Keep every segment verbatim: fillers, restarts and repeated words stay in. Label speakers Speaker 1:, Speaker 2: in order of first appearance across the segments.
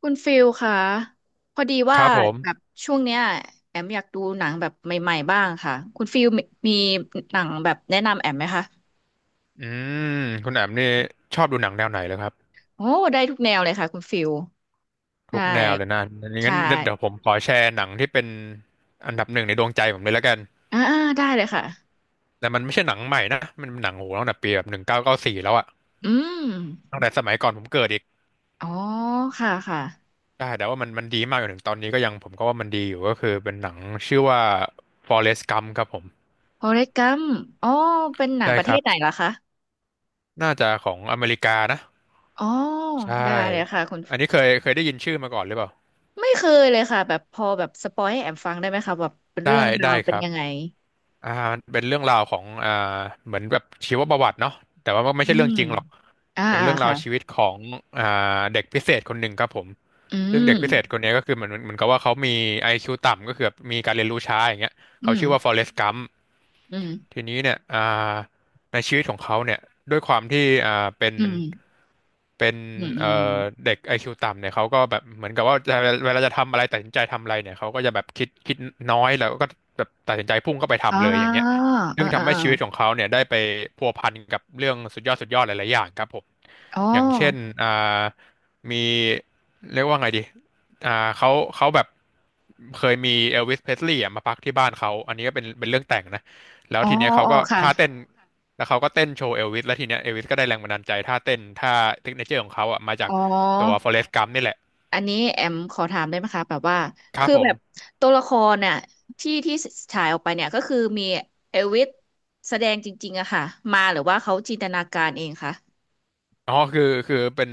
Speaker 1: คุณฟิลค่ะพอดี
Speaker 2: ค
Speaker 1: ว่า
Speaker 2: รับผ
Speaker 1: แบบ
Speaker 2: ม
Speaker 1: ช่วงเนี้ยแอมอยากดูหนังแบบใหม่ๆบ้างค่ะคุณฟิลมีมีหนังแบบแนะนำแอมไหมคะ
Speaker 2: อืมคุณแอมนี่ชอบดูหนังแนวไหนเลยครับ
Speaker 1: โอ้ได้ทุกแนวเลยค่ะคุณฟิลใช
Speaker 2: ทุกแนวเลยนะ
Speaker 1: ่ใช่
Speaker 2: งั้นเดี๋ยวผมขอแชร์หนังที่เป็นอันดับหนึ่งในดวงใจผมเลยแล้วกัน
Speaker 1: อ่าอ่าได้เลยค่ะ
Speaker 2: แต่มันไม่ใช่หนังใหม่นะ มันเป็นหนังโหตั้งแต่ปีแบบหนึ่งเก้าเก้าสี่แล้วอะ
Speaker 1: อื
Speaker 2: ตั้ง
Speaker 1: ม
Speaker 2: แต่สมัยก่อนผมเกิดอีก
Speaker 1: อ๋อค่ะค่ะ
Speaker 2: ได้แต่ว่ามันมันดีมากจนถึงตอนนี้ก็ยังผมก็ว่ามันดีอยู่ก็คือเป็นหนังชื่อว่า Forrest Gump ครับผม
Speaker 1: โฟเรสต์กัมอ๋อเป็นหนัง
Speaker 2: ใช่
Speaker 1: ประ
Speaker 2: ค
Speaker 1: เท
Speaker 2: รั
Speaker 1: ศไหน
Speaker 2: บ
Speaker 1: ล่ะคะ
Speaker 2: น่าจะของอเมริกานะ
Speaker 1: อ๋อ
Speaker 2: ใช่
Speaker 1: ได้เลยค่ะคุณ
Speaker 2: อันนี้เคยเคยได้ยินชื่อมาก่อนหรือเปล่า
Speaker 1: ไม่เคยเลยค่ะแบบพอแบบสปอยให้แอมฟังได้ไหมคะแบบเป็นเรื่
Speaker 2: ได้
Speaker 1: องรา
Speaker 2: ได้
Speaker 1: ว
Speaker 2: ค
Speaker 1: เป็น
Speaker 2: รับ
Speaker 1: ยังไง
Speaker 2: อ่ามันเป็นเรื่องราวของอ่าเหมือนแบบชีวประวัติเนาะแต่ว่ามันไม่
Speaker 1: อื
Speaker 2: ใช่เรื่อ
Speaker 1: ม
Speaker 2: งจริงหรอก
Speaker 1: อ่า
Speaker 2: เป็น
Speaker 1: อ่า
Speaker 2: เรื่องราว
Speaker 1: ค่ะ
Speaker 2: ชีวิตของอ่าเด็กพิเศษคนหนึ่งครับผม
Speaker 1: อื
Speaker 2: ซึ่งเด็ก
Speaker 1: ม
Speaker 2: พิเศษคนเนี้ยก็คือเหมือนเหมือนกับว่าเขามี ไอ คิว ต่ำก็คือแบบมีการเรียนรู้ช้าอย่างเงี้ย
Speaker 1: อื
Speaker 2: เขา
Speaker 1: ม
Speaker 2: ชื่อว่าฟอเรสต์กัม
Speaker 1: อืม
Speaker 2: ทีนี้เนี่ยอ่าในชีวิตของเขาเนี่ยด้วยความที่อ่าเป็น
Speaker 1: อืม
Speaker 2: เป็น
Speaker 1: อืมอื
Speaker 2: เอ่อ
Speaker 1: ม
Speaker 2: เด็ก ไอ คิว ต่ำเนี่ยเขาก็แบบเหมือนกับว่าจะเวลาจะทำอะไรตัดสินใจทำอะไรเนี่ยเขาก็จะแบบคิดคิดน้อยแล้วก็แบบตัดสินใจพุ่งเข้าไป
Speaker 1: อ่า
Speaker 2: ทำเลยอย่างเงี้ย
Speaker 1: เออ
Speaker 2: ซึ่ง
Speaker 1: เออ
Speaker 2: ทำ
Speaker 1: เอ
Speaker 2: ให้
Speaker 1: อ
Speaker 2: ชีวิตของเขาเนี่ยได้ไปพัวพันกับเรื่องสุดยอดสุดยอดหลายๆอย่างครับผม
Speaker 1: อ๋อ
Speaker 2: อย่างเช่นอ่ามีเรียกว่าไงดีอ่าเขาเขาแบบเคยมีเอลวิสเพสลีย์มาพักที่บ้านเขา อันนี้ก็เป็นเป็นเรื่องแต่งนะ แล้ว
Speaker 1: อ๋อ
Speaker 2: ทีเนี้ยเขา
Speaker 1: อ๋อ
Speaker 2: ก็
Speaker 1: ค่ะ
Speaker 2: ท่าเต้นแล้วเขาก็เต้นโชว์เอลวิสแล้วทีเนี้ยเอลวิสก็ได้แรงบันดาลใจท่าเต้นท่าเทคเนเจอร์ของเขาอ่ะมาจาก
Speaker 1: อ๋
Speaker 2: ตัว
Speaker 1: อ
Speaker 2: ฟอเ e ส t g กัมนี่แหละ
Speaker 1: อันนี้แอมขอถามได้ไหมคะแบบว่า
Speaker 2: ครับ
Speaker 1: คือ
Speaker 2: ผ
Speaker 1: แบ
Speaker 2: ม
Speaker 1: บตัวละครเนี่ยที่ที่ฉายออกไปเนี่ยก็คือมีเอลวิสแสดงจริงๆอะค่ะมาหรือว่าเขาจินตนาการเองคะ
Speaker 2: อ๋อคือคือเป็น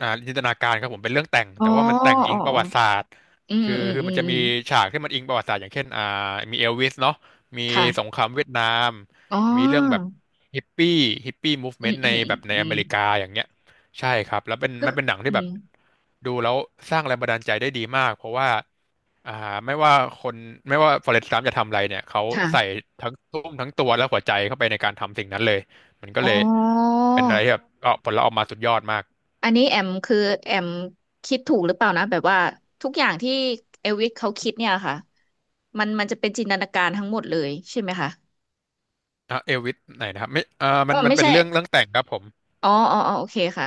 Speaker 2: อ่าจินตนาการครับผมเป็นเรื่องแต่ง
Speaker 1: อ๋อ
Speaker 2: แต่ว่ามันแต่งอิ
Speaker 1: อ๋อ
Speaker 2: งประวัติศา
Speaker 1: อ
Speaker 2: สตร์
Speaker 1: อืม
Speaker 2: คือ
Speaker 1: อืม
Speaker 2: คือ
Speaker 1: อื
Speaker 2: มัน
Speaker 1: ม
Speaker 2: จะ
Speaker 1: อื
Speaker 2: มี
Speaker 1: ม
Speaker 2: ฉากที่มันอิงประวัติศาสตร์อย่างเช่นอ่ามีเอลวิสเนาะมีสงค
Speaker 1: ค่ะ
Speaker 2: รามเวียดนาม
Speaker 1: อ๋
Speaker 2: มีเรื่องแบบ
Speaker 1: อ
Speaker 2: ฮิปปี้ฮิปปี้มูฟ
Speaker 1: อื
Speaker 2: เมน
Speaker 1: ม
Speaker 2: ต์
Speaker 1: อื
Speaker 2: ใน
Speaker 1: มอื
Speaker 2: แบ
Speaker 1: ม
Speaker 2: บใน
Speaker 1: อื
Speaker 2: อ
Speaker 1: ม
Speaker 2: เมริกาอย่างเงี้ยใช่ครับแล้วเป็น
Speaker 1: ก็
Speaker 2: มันเป็นหนังที่
Speaker 1: อื
Speaker 2: แบบ
Speaker 1: ม
Speaker 2: ดูแล้วสร้างแรงบันดาลใจได้ดีมากเพราะว่า อ่าไม่ว่าคนไม่ว่าฟอเรสต์กัมจะทำอะไรเนี่ยเขาใส่
Speaker 1: ค่ะ
Speaker 2: ทั้งทุ่มทั้งตัวและหัวใจเข้าไปในการทำสิ่งนั้นเลยมันก็
Speaker 1: อ๋อ
Speaker 2: เลยเป็นอะไรที่แบบเออผลลัพธ์ออกมาสุดยอดมาก
Speaker 1: อันนี้แอมคือแอมคิดถูกหรือเปล่านะแบบว่าทุกอย่างที่เอลวิสเขาคิดเนี่ยค่ะมันมันจะเป็นจินตนาการทั้งหมดเลยใช่ไหมคะ
Speaker 2: อ่ะเอลวิสไหนนะครับไม่เอ่า
Speaker 1: อ๋
Speaker 2: มั
Speaker 1: อ
Speaker 2: นมัน
Speaker 1: ไม่
Speaker 2: เป็น
Speaker 1: ใช่
Speaker 2: เรื่องเรื่องแต่งครับผม
Speaker 1: อ๋ออ๋ออ๋อโอเคค่ะ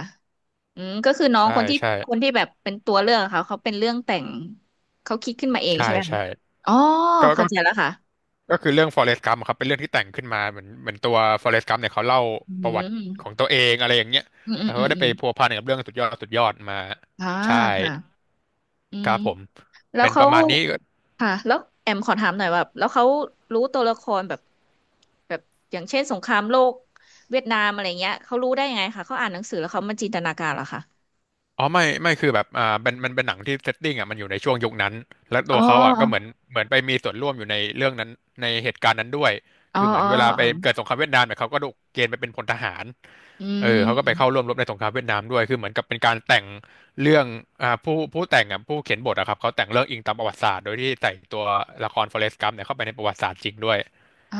Speaker 1: อืมก็คือน้อง
Speaker 2: ใช่
Speaker 1: คนที่
Speaker 2: ใช่
Speaker 1: คนที่แบบเป็นตัวเรื่องค่ะเขาเป็นเรื่องแต่งเขาคิดขึ้นมาเอง
Speaker 2: ใช่
Speaker 1: ใช่ไหมคะ
Speaker 2: ใช่
Speaker 1: อ๋อ
Speaker 2: ก็ก็
Speaker 1: เข้าใจแล้วค่ะ
Speaker 2: ก็คือเรื่องฟอเรสต์กัมครับเป็นเรื่องที่แต่งขึ้นมาเหมือนเหมือนตัวฟอเรสต์กัมเนี่ยเขาเล่า
Speaker 1: อื
Speaker 2: ประวัติขอ
Speaker 1: ม
Speaker 2: งตัวเองอะไรอย่างเงี้ย
Speaker 1: อืมอื
Speaker 2: แล้
Speaker 1: ม
Speaker 2: ว
Speaker 1: อื
Speaker 2: เขา
Speaker 1: ม
Speaker 2: ก็
Speaker 1: อ
Speaker 2: ได้ไป
Speaker 1: ม
Speaker 2: พัวพันกับเรื่องสุดยอดสุดยอดมา
Speaker 1: อ่า
Speaker 2: ใช่
Speaker 1: ค่ะอื
Speaker 2: ค
Speaker 1: ม
Speaker 2: รับผม
Speaker 1: แล้ว
Speaker 2: เป็นป
Speaker 1: เขา
Speaker 2: ระมาณนี้
Speaker 1: ค่ะแล้วแอมขอถามหน่อยว่าแล้วเขารู้ตัวละครแบบแบบอย่างเช่นสงครามโลกเวียดนามอะไรเงี้ยเขารู้ได้ยังไงคะเขาอ่านหนังสือแล้วเขามาจินตนาการเหรอคะ
Speaker 2: อ๋อไม่ไม่คือแบบอ่ามันมันเป็นหนังที่เซตติ้งอ่ะมันอยู่ในช่วงยุคนั้นและตั
Speaker 1: อ๋อ
Speaker 2: วเขาอ่ะก็เหมือนเหมือนไปมีส่วนร่วมอยู่ในเรื่องนั้นในเหตุการณ์นั้นด้วย
Speaker 1: อ๋อ
Speaker 2: คือเหมือ
Speaker 1: อ๋
Speaker 2: น
Speaker 1: อ
Speaker 2: เวลาไป
Speaker 1: อ๋อ
Speaker 2: เกิดสงครามเวียดนามเนี่ยเขาก็ถูกเกณฑ์ไปเป็นพลทหาร
Speaker 1: อื
Speaker 2: เออเขาก็ไป
Speaker 1: ม
Speaker 2: เข้าร่วมรบในสงครามเวียดนามด้วยคือเหมือนกับเป็นการแต่งเรื่องอ่าผู้ผู้แต่งอ่ะผู้เขียนบทอะครับเขาแต่งเรื่องอิงตามประวัติศาสตร์โดยที่ใส่ตัวละครฟเรสกัมเนี่ยเข้าไปในประวัติศาสตร์จริงด้วย
Speaker 1: อ่า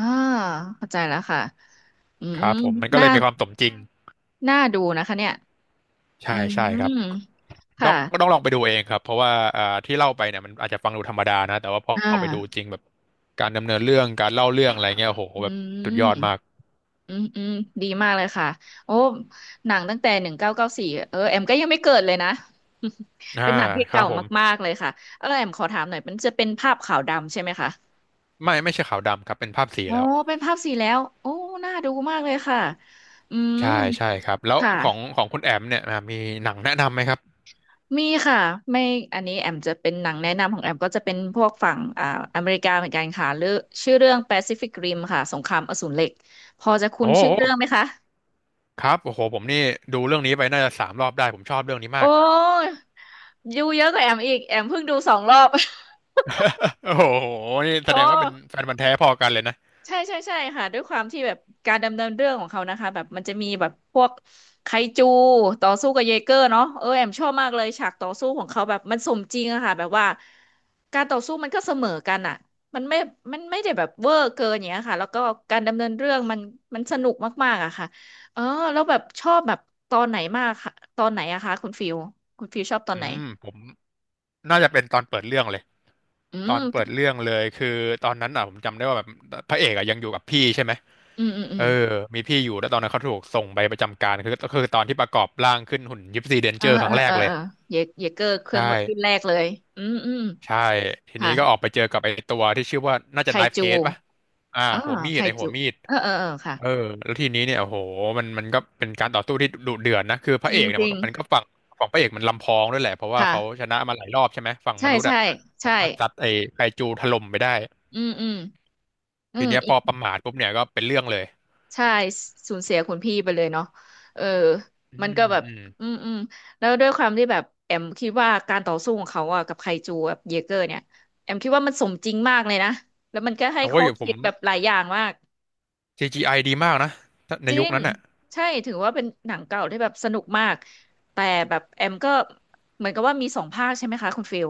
Speaker 1: เข้าใจแล้วค่ะอื
Speaker 2: ค
Speaker 1: ม
Speaker 2: รับผมมันก็เล
Speaker 1: น่า
Speaker 2: ยมีความสมจริง
Speaker 1: น่าดูนะคะเนี่ย
Speaker 2: ใช่
Speaker 1: อื
Speaker 2: ใช่ครับ
Speaker 1: ม
Speaker 2: ต้อ
Speaker 1: ค่ะ
Speaker 2: งต้องลองไปดูเองครับเพราะว่าอ่าที่เล่าไปเนี่ยมันอาจจะฟังดูธรรมดานะแต่ว่าพอ
Speaker 1: อ่า
Speaker 2: เอาไปดูจริงแบบการดำเนินเรื่องการเล่าเรื่องอะไรเงี้ยโอ้โห
Speaker 1: อื
Speaker 2: แบบ
Speaker 1: ม
Speaker 2: สุดยอดมาก
Speaker 1: อืมอืมดีมากเลยค่ะโอ้หนังตั้งแต่หนึ่งเก้าเก้าสี่เออแอมก็ยังไม่เกิดเลยนะ
Speaker 2: อ่า
Speaker 1: เป็นหนังที่
Speaker 2: ครั
Speaker 1: เก่า
Speaker 2: บผม
Speaker 1: มากๆเลยค่ะเออแอมขอถามหน่อยมันจะเป็นภาพขาวดำใช่ไหมคะ
Speaker 2: ไม่ไม่ใช่ขาวดำครับเป็นภาพสี
Speaker 1: อ๋อ
Speaker 2: แล้ว
Speaker 1: เป็นภาพสีแล้วโอ้น่าดูมากเลยค่ะอืม
Speaker 2: ใช่ใช่ครับแล้ว
Speaker 1: ค่ะ
Speaker 2: ของของคุณแอมเนี่ยอ่ามีหนังแนะนำไหมครับ
Speaker 1: มีค่ะไม่อันนี้แอมจะเป็นหนังแนะนำของแอมก็จะเป็นพวกฝั่งอ่าอเมริกาเหมือนกันค่ะเรื่องชื่อเรื่อง Pacific Rim ค่ะสงครามอสูรเหล็กพอจะคุ้
Speaker 2: โอ้
Speaker 1: นชื่อ
Speaker 2: โห
Speaker 1: เรื่องไหมคะ
Speaker 2: ครับโอ้โหผมนี่ดูเรื่องนี้ไปน่าจะสามรอบได้ผมชอบเรื่องนี้
Speaker 1: โอ
Speaker 2: มาก
Speaker 1: ้ดูเยอะกว่าแอมอีกแอมเพิ่งดูสองรอบ
Speaker 2: โอ้โหนี่แส
Speaker 1: โอ้
Speaker 2: ดงว่าเป็นแฟนพันธุ์แท้พอกันเลยนะ
Speaker 1: ใช่ใช่ใช่ค่ะด้วยความที่แบบการดำเนินเรื่องของเขานะคะแบบมันจะมีแบบพวกไคจูต่อสู้กับเยเกอร์เนาะเออแอมชอบมากเลยฉากต่อสู้ของเขาแบบมันสมจริงอะค่ะแบบว่าการต่อสู้มันก็เสมอกันอะมันไม่มันไม่ได้แบบเวอร์เกินอย่างเงี้ยค่ะแล้วก็การดำเนินเรื่องมันมันสนุกมากๆอะค่ะเออแล้วแบบชอบแบบตอนไหนมากค่ะตอนไหนอะคะคุณฟิวคุณฟิวชอบตอ
Speaker 2: อื
Speaker 1: นไหน
Speaker 2: มผมน่าจะเป็นตอนเปิดเรื่องเลย
Speaker 1: อื
Speaker 2: ตอนเปิด
Speaker 1: ม
Speaker 2: เรื่องเลยคือตอนนั้นอ่ะผมจำได้ว่าแบบพระเอกอ่ะยังอยู่กับพี่ใช่ไหม
Speaker 1: อืมอืมอื
Speaker 2: เอ
Speaker 1: ม
Speaker 2: อมีพี่อยู่แล้วตอนนั้นเขาถูกส่งไปประจำการคือก็คือตอนที่ประกอบร่างขึ้นหุ่นยิปซีเดนเจ
Speaker 1: อ่า
Speaker 2: อร์ครั้ง
Speaker 1: อ่า
Speaker 2: แรก
Speaker 1: อ่า
Speaker 2: เลย
Speaker 1: อ่าเยเยเกอร์เครื่อ
Speaker 2: ใช่
Speaker 1: งรุ่นแรกเลยอืมอืม
Speaker 2: ใช่ทีนี้
Speaker 1: ค่ะ
Speaker 2: ก็ออกไปเจอกับไอ้ตัวที่ชื่อว่าน่า
Speaker 1: ไค
Speaker 2: จะไนฟ์เฮ
Speaker 1: จู
Speaker 2: ดป่ะอ่า
Speaker 1: อ่า
Speaker 2: หัวมี
Speaker 1: ไค
Speaker 2: ดไอ้หั
Speaker 1: จู
Speaker 2: วมีด
Speaker 1: เออเออเออค่ะ
Speaker 2: เออแล้วทีนี้เนี่ยโอ้โหมันมันก็เป็นการต่อสู้ที่ดุเดือดนะคือพ
Speaker 1: จ
Speaker 2: ระเอ
Speaker 1: ริง
Speaker 2: กเนี่
Speaker 1: จ
Speaker 2: ยมั
Speaker 1: ริ
Speaker 2: น
Speaker 1: ง
Speaker 2: ก็มันก็ฝั่งฝั่งพระเอกมันลำพองด้วยแหละเพราะว่าเขา
Speaker 1: ค่ะ
Speaker 2: ชนะมาหลายรอบใช่ไหมฝั่งม
Speaker 1: ใช่
Speaker 2: นุษย์อะ
Speaker 1: ใช่
Speaker 2: สา
Speaker 1: ใช่
Speaker 2: มารถซัดไอ้ไคจูถล่มไปได้
Speaker 1: อืมอืมอื
Speaker 2: ที
Speaker 1: ม
Speaker 2: เนี้ย
Speaker 1: อี
Speaker 2: พ
Speaker 1: ก
Speaker 2: อประมาทปุ๊บเนี่ยก็เป็นเรื่องเลย
Speaker 1: ใช่สูญเสียคุณพี่ไปเลยเนาะเออ
Speaker 2: อื
Speaker 1: มัน
Speaker 2: ม
Speaker 1: ก็แบบ
Speaker 2: อืม
Speaker 1: อืมอืมแล้วด้วยความที่แบบแอมคิดว่าการต่อสู้ของเขาอะกับไคจูกับเยเกอร์เนี่ยแอมคิดว่ามันสมจริงมากเลยนะแล้วมันก็ให้
Speaker 2: โอ้
Speaker 1: ข้อ
Speaker 2: ยผ
Speaker 1: คิ
Speaker 2: ม
Speaker 1: ดแบบหลายอย่างมาก
Speaker 2: ซี จี ไอ ดีมากนะ ใน
Speaker 1: จริ
Speaker 2: ยุค
Speaker 1: ง
Speaker 2: นั้นอ่ะ
Speaker 1: ใช่ถือว่าเป็นหนังเก่าที่แบบสนุกมากแต่แบบแอมก็เหมือนกับว่ามีสองภาคใช่ไหมคะคุณฟิล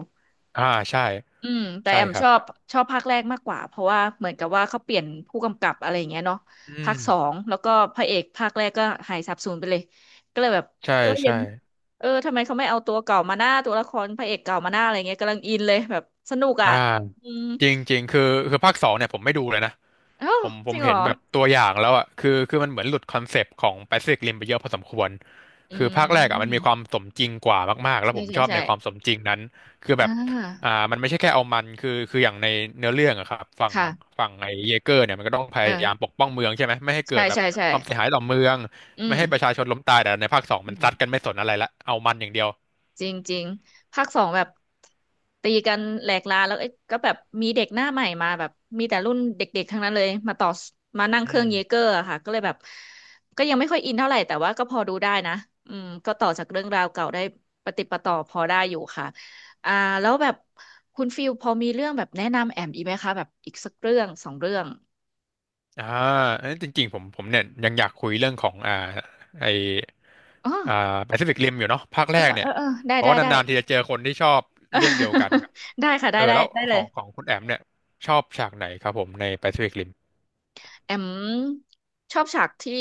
Speaker 2: อ่าใช่
Speaker 1: อืมแต่
Speaker 2: ใช่
Speaker 1: แอม
Speaker 2: ครั
Speaker 1: ช
Speaker 2: บ
Speaker 1: อบชอบภาคแรกมากกว่าเพราะว่าเหมือนกับว่าเขาเปลี่ยนผู้กำกับอะไรอย่างเงี้ยเนาะ
Speaker 2: อื
Speaker 1: ภา
Speaker 2: ม
Speaker 1: คสองแล้วก็พระเอกภาคแรกก็หายสาบสูญไปเลยก็เลยแบบ
Speaker 2: ใช่
Speaker 1: เออยั
Speaker 2: ใช่
Speaker 1: งเออทำไมเขาไม่เอาตัวเก่ามาหน้าตัวละครพระเอกเก่ามาหน้าอะไรเงี้ยกำลังอินเลยแบบสนุกอ่ะ
Speaker 2: อ่า
Speaker 1: อืม
Speaker 2: จริงจริงคือ คือภาคสองเนี่ยผมไม่ดูเลยนะ
Speaker 1: เอ้า
Speaker 2: ผมผ
Speaker 1: จ
Speaker 2: ม
Speaker 1: ริงเหร
Speaker 2: เห็น
Speaker 1: อ
Speaker 2: แบบตัวอย่างแล้วอ่ะคือคือมันเหมือนหลุดคอนเซปต์ของ Pacific Rim ไปเยอะพอสมควร
Speaker 1: อื
Speaker 2: คือภาคแรกอ่ะมันมี
Speaker 1: ม
Speaker 2: ความสมจริงกว่ามากๆแล้ว
Speaker 1: ใช่
Speaker 2: ผม
Speaker 1: ใช่
Speaker 2: ชอบ
Speaker 1: ใช่
Speaker 2: ในความสมจริงนั้นคือ
Speaker 1: อ่
Speaker 2: แบบอ่า
Speaker 1: า
Speaker 2: มันไม่ใช่แค่เอามันคือคืออย่างในเนื้อเรื่องอะครับฝั่ง
Speaker 1: ค่ะ
Speaker 2: ฝั่งไอ้เยเกอร์เนี่ยมันก็ต้องพ
Speaker 1: เอ
Speaker 2: ยา
Speaker 1: อ
Speaker 2: ยามปกป้องเมืองใช่ไหมไม่ให้เกิ
Speaker 1: ใช่
Speaker 2: ดแบบ
Speaker 1: ใช่ใช่
Speaker 2: ความเสียหายต่อเมือง
Speaker 1: อื
Speaker 2: ไม่
Speaker 1: ม
Speaker 2: ให้ประชาชนล้มตายแต่ในภาคสอง
Speaker 1: อื
Speaker 2: มัน
Speaker 1: ม
Speaker 2: ซัดกันไม่สนอะไรละเอามันอย่างเดียว
Speaker 1: จริงจริงภาคสองแบบตีกันแหลกลาแล้วเอ้ยก็แบบมีเด็กหน้าใหม่มาแบบมีแต่รุ่นเด็กๆทั้งนั้นเลยมาต่อมานั่งเค
Speaker 2: อื
Speaker 1: รื่อง
Speaker 2: ม
Speaker 1: เยเกอร์อะค่ะก็เลยแบบก็ยังไม่ค่อยอินเท่าไหร่แต่ว่าก็พอดูได้นะอืมก็ต่อจากเรื่องราวเก่าได้ปะติดปะต่อพอได้อยู่ค่ะอ่าแล้วแบบคุณฟิลพอมีเรื่องแบบแนะนำแอมอีกไหมคะแบบอีกสักเรื่องสองเรื่อง
Speaker 2: อ่าเอ้ยจริงๆผมผมเนี่ยยังอยากคุยเรื่องของอ่าไอ
Speaker 1: อ๋อ
Speaker 2: อ่าแปซิฟิกริมอยู่เนาะภาค
Speaker 1: เอ
Speaker 2: แร
Speaker 1: อ
Speaker 2: ก
Speaker 1: เอ
Speaker 2: เนี่ย
Speaker 1: อเออได้
Speaker 2: เพราะ
Speaker 1: ได้
Speaker 2: ว่า
Speaker 1: ได้
Speaker 2: นานๆทีจะเจอคนที่ชอบเรื่องเดียวกัน
Speaker 1: ได้ค่ะได้
Speaker 2: เออ
Speaker 1: ได้
Speaker 2: แล้ว
Speaker 1: ได้
Speaker 2: ข
Speaker 1: เล
Speaker 2: อ
Speaker 1: ย
Speaker 2: งของคุณแอมเนี่ยชอบฉากไหนครับผมในแปซิฟิกริม
Speaker 1: แอมชอบฉากที่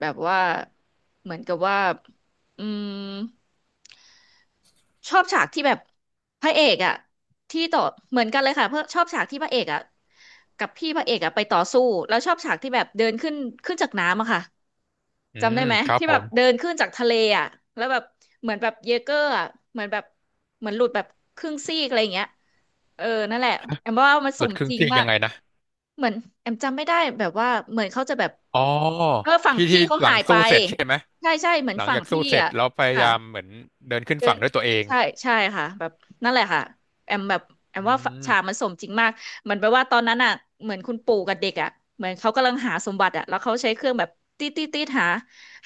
Speaker 1: แบบว่าเหมือนกับว่าอืม ชอบฉากที่แบบพระเอกอ่ะที่ต่อเหมือนกันเลยค่ะเพื่อชอบฉากที่พระเอกอ่ะกับพี่พระเอกอ่ะไปต่อสู้แล้วชอบฉากที่แบบเดินขึ้นขึ้นจากน้ำอะค่ะ
Speaker 2: อื
Speaker 1: จำได้
Speaker 2: ม
Speaker 1: ไหม
Speaker 2: ครับ
Speaker 1: ที่
Speaker 2: ผ
Speaker 1: แบบ
Speaker 2: ม
Speaker 1: เดินขึ้นจากทะเลอ่ะแล้วแบบเหมือนแบบเยเกอร์อะเหมือนแบบเหมือนหลุดแบบครึ่งซีกอะไรอย่างเงี้ยเออนั่นแหละแอมว่ามัน
Speaker 2: ห
Speaker 1: ส
Speaker 2: ลุด
Speaker 1: ม
Speaker 2: ครึ่
Speaker 1: จ
Speaker 2: ง
Speaker 1: ริง
Speaker 2: ซีก
Speaker 1: มา
Speaker 2: ยั
Speaker 1: ก
Speaker 2: งไงนะ
Speaker 1: เหมือนแอมจำไม่ได้แบบว่าเหมือนเขาจะแบบ
Speaker 2: อ๋อ
Speaker 1: เออฝั่ง
Speaker 2: ที่
Speaker 1: พี่
Speaker 2: ที่
Speaker 1: เขา
Speaker 2: หลั
Speaker 1: หา
Speaker 2: ง
Speaker 1: ยไป
Speaker 2: สู้เสร็จใช่ไหม
Speaker 1: ใช่ใช่เหมือน
Speaker 2: หลัง
Speaker 1: ฝั่ง
Speaker 2: จากสู้
Speaker 1: พี่
Speaker 2: เสร็จ
Speaker 1: อ่ะ
Speaker 2: แล้วพยา
Speaker 1: ค่ะ
Speaker 2: ยามเหมือนเดินขึ้น
Speaker 1: เดิ
Speaker 2: ฝั่
Speaker 1: น
Speaker 2: งด้วยตัวเอง
Speaker 1: ใช่ใช่ค่ะแบบนั่นแหละค่ะแอมแบบแอม
Speaker 2: อื
Speaker 1: ว่า
Speaker 2: ม
Speaker 1: ฉากมันสมจริงมากเหมือนแปลว่าตอนนั้นอ่ะเหมือนคุณปู่กับเด็กอ่ะเหมือนเขากำลังหาสมบัติอ่ะแล้วเขาใช้เครื่องแบบตีตีตีหา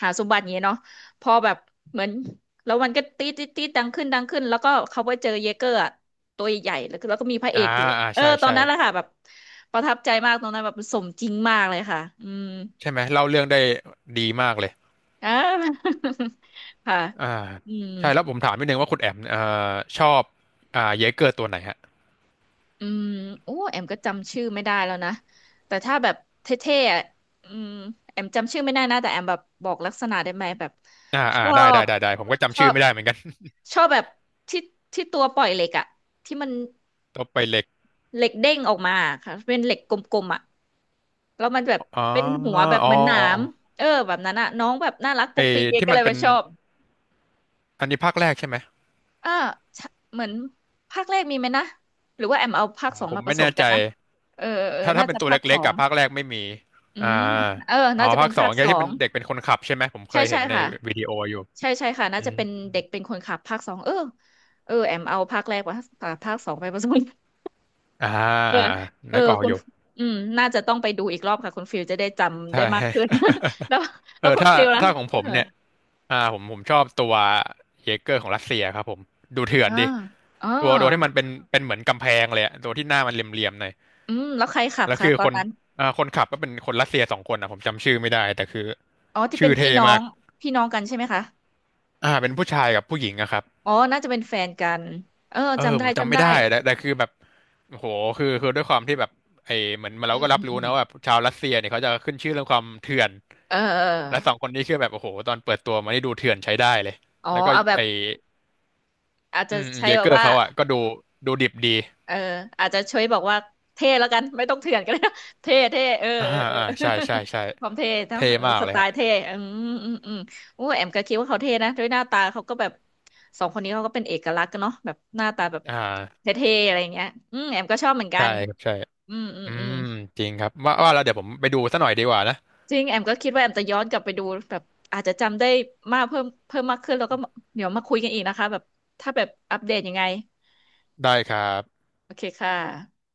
Speaker 1: หาสมบัติอย่างเงี้ยเนาะพอแบบเหมือนแล้วมันก็ตีตีตีดังขึ้นดังขึ้นแล้วก็เขาไปเจอเยเกอร์อะตัวใหญ่ๆแล้วก็แล้วก็มีพระเอ
Speaker 2: อ่า
Speaker 1: กอยู่
Speaker 2: อ่า
Speaker 1: เออ
Speaker 2: ใช่
Speaker 1: ตอน
Speaker 2: ใช่
Speaker 1: นั้นแหละค่ะแบบประทับใจมากตอนนั้นแบบสมจริงมากเลยค่ะอืม
Speaker 2: ใช่ไหมเล่าเรื่องได้ดีมากเลย
Speaker 1: อ่า ค่ะ
Speaker 2: อ่า
Speaker 1: อืม
Speaker 2: ใช่แล้วผมถามนิดนึงว่าคุณแอมเอ่อชอบอ่าเยเกอร์ตัวไหนฮะ
Speaker 1: อืมโอ้แอมก็จำชื่อไม่ได้แล้วนะแต่ถ้าแบบเท่ๆอ่ะอืมแอมจำชื่อไม่ได้นะแต่แอมแบบบอกลักษณะได้ไหมแบบ
Speaker 2: อ่า
Speaker 1: ช
Speaker 2: อ่า
Speaker 1: อ
Speaker 2: ได้ได้
Speaker 1: บ
Speaker 2: ได้ได้ผมก็
Speaker 1: ช
Speaker 2: จำ
Speaker 1: อ
Speaker 2: ชื่อ
Speaker 1: บ
Speaker 2: ไม่ได้เหมือนกัน
Speaker 1: ชอบแบบที่ที่ตัวปล่อยเหล็กอ่ะที่มัน
Speaker 2: ตัวไปเหล็ก
Speaker 1: เหล็กเด้งออกมาค่ะเป็นเหล็กกลมๆอ่ะแล้วมันแบบ
Speaker 2: อ๋อ
Speaker 1: เป็นหัวแบบ
Speaker 2: อ๋อ
Speaker 1: เหมันหนา
Speaker 2: อ๋ออ๋
Speaker 1: ม
Speaker 2: อ
Speaker 1: เออแบบนั้นอ่ะน้องแบบน่ารักปุ๊
Speaker 2: ไอ้
Speaker 1: กปิ๊กเด็ก
Speaker 2: ที่
Speaker 1: ก็
Speaker 2: มั
Speaker 1: เล
Speaker 2: น
Speaker 1: ย
Speaker 2: เป็
Speaker 1: ไป
Speaker 2: น
Speaker 1: ชอบ
Speaker 2: อันนี้ภาคแรกใช่ไหม
Speaker 1: อ่าใช่เหมือนภาคแรกมีไหมนะหรือว่าแอมเอาภา
Speaker 2: ผ
Speaker 1: ค
Speaker 2: ม
Speaker 1: สอง
Speaker 2: ผม
Speaker 1: มาผ
Speaker 2: ไม่
Speaker 1: ส
Speaker 2: แน่
Speaker 1: มกั
Speaker 2: ใจ
Speaker 1: นนะเออเออเออ
Speaker 2: ถ้าถ้า
Speaker 1: น่า
Speaker 2: เป็
Speaker 1: จะ
Speaker 2: นตัว
Speaker 1: ภา
Speaker 2: เล็
Speaker 1: ค
Speaker 2: ก
Speaker 1: สอ
Speaker 2: ๆกั
Speaker 1: ง
Speaker 2: บภาคแรกไม่มี
Speaker 1: อื
Speaker 2: อ่า
Speaker 1: มเออ
Speaker 2: อ๋
Speaker 1: น่า
Speaker 2: อ
Speaker 1: จะเป็
Speaker 2: ภา
Speaker 1: น
Speaker 2: คสอ
Speaker 1: ภา
Speaker 2: ง
Speaker 1: คส
Speaker 2: เนี่ย
Speaker 1: อ
Speaker 2: ที่เป็
Speaker 1: ง
Speaker 2: นเด็กเป็นคนขับใช่ไหมผมเค
Speaker 1: ใช่
Speaker 2: ย
Speaker 1: ใช่
Speaker 2: เห็นใน
Speaker 1: ค่ะ
Speaker 2: วิดีโออยู่
Speaker 1: ใช่ใช่ค่ะน่า
Speaker 2: อื
Speaker 1: จะ
Speaker 2: ม
Speaker 1: เป็นเด็กเป็นคนขับภาคสองเออเออแอมเอาภาคแรกว่าภาคสองไปผสม
Speaker 2: อ่า
Speaker 1: เออ
Speaker 2: อ่าอ่า
Speaker 1: เออ
Speaker 2: นึกออก
Speaker 1: คุ
Speaker 2: อ
Speaker 1: ณ
Speaker 2: ยู่
Speaker 1: อืมน่าจะต้องไปดูอีกรอบค่ะคุณฟิลจะได้จำได้
Speaker 2: ใช่
Speaker 1: มากขึ้น แล้ว แล้
Speaker 2: เอ
Speaker 1: ว
Speaker 2: อ
Speaker 1: คุณ
Speaker 2: ถ้า
Speaker 1: ฟิลล่ะ
Speaker 2: ถ้าของผ
Speaker 1: เอ
Speaker 2: ม
Speaker 1: อ
Speaker 2: เนี่ยอ่าผมผมชอบตัวเยเกอร์ของรัสเซียครับผม ดูเถื่อน
Speaker 1: อ่า
Speaker 2: ดิ
Speaker 1: อ๋อ
Speaker 2: ตัวตัวที่มันเป็นเป็นเหมือนกำแพงเลยอะตัวที่หน้ามันเหลี่ยมๆหน่อย
Speaker 1: อืมแล้วใครขับ
Speaker 2: แล้ว
Speaker 1: คะ
Speaker 2: คือ
Speaker 1: ตอ
Speaker 2: ค
Speaker 1: น
Speaker 2: น
Speaker 1: นั้น
Speaker 2: อ่าคนขับก็เป็นคนรัสเซียสองคนนะผมจำชื่อไม่ได้แต่คือ
Speaker 1: อ๋อที่เป็
Speaker 2: ชื่อ
Speaker 1: นพี่
Speaker 2: เท่
Speaker 1: น้อ
Speaker 2: มา
Speaker 1: ง
Speaker 2: ก
Speaker 1: พี่น้องกันใช่ไหมคะ
Speaker 2: อ่าเป็นผู้ชายกับผู้หญิงอะครับ
Speaker 1: อ๋อน่าจะเป็นแฟนกันเออ
Speaker 2: เออ
Speaker 1: จำได้
Speaker 2: ผมจำ
Speaker 1: จำ
Speaker 2: ไม่
Speaker 1: ได้
Speaker 2: ได้แต่แต่คือแบบโอ้โหคือคือด้วยความที่แบบไอเหมือนเรา
Speaker 1: อื
Speaker 2: ก็
Speaker 1: ม
Speaker 2: รั
Speaker 1: อื
Speaker 2: บ
Speaker 1: ม
Speaker 2: รู้
Speaker 1: อืม
Speaker 2: นะว่าแบบชาวรัสเซียเนี่ยเขาจะขึ้นชื่อเรื่องความเถื่อน
Speaker 1: เออเออ
Speaker 2: และสอ
Speaker 1: เ
Speaker 2: งคนนี้คือแบบโอ้โหตอนเปิดตัวมานี่ดูเถื่อนใช้ได้เลย
Speaker 1: อออ๋อ
Speaker 2: แล้วก็
Speaker 1: เอาแบ
Speaker 2: ไอ
Speaker 1: บอาจ
Speaker 2: อื
Speaker 1: จะ
Speaker 2: ม
Speaker 1: ใช้
Speaker 2: เย
Speaker 1: แบ
Speaker 2: เก
Speaker 1: บ
Speaker 2: อร์
Speaker 1: ว่า
Speaker 2: เขาอะก็ดูดูดิบดี
Speaker 1: เอออาจจะช่วยบอกว่าเท่แล้วกันไม่ต้องเถื่อนก็ได้ เท่เท่เออ
Speaker 2: อ่า
Speaker 1: เออเออ
Speaker 2: อ่าใช่ใช่ใช่
Speaker 1: ความเท่เท่า
Speaker 2: เท่
Speaker 1: เออ
Speaker 2: มาก
Speaker 1: ส
Speaker 2: เล
Speaker 1: ไต
Speaker 2: ยฮะ
Speaker 1: ล์เท่อืมอืมอืมโอ้แอมก็คิดว่าเขาเท่นะด้วยหน้าตาเขาก็แบบสองคนนี้เขาก็เป็นเอกลักษณ์กันเนาะแบบหน้าตาแบบ
Speaker 2: อ่า
Speaker 1: เท่ๆอะไรอย่างเงี้ยอืมแอมก็ชอบเหมือนกั
Speaker 2: ใช่
Speaker 1: น
Speaker 2: ครับใช่
Speaker 1: อืมอืม
Speaker 2: อื
Speaker 1: อืม
Speaker 2: มจริงครับว่าว่าแล้วเดี๋ยวผมไปดูซะหน่อยดีกว่านะ
Speaker 1: จริงแอมก็คิดว่าแอมจะย้อนกลับไปดูแบบอาจจะจำได้มากเพิ่มเพิ่มมากขึ้นแล้วก็เดี๋ยวมาคุยกันอีกนะคะแบบถ้าแบบอัปเดตยังไง
Speaker 2: ได้ครับ
Speaker 1: โอเคค่ะ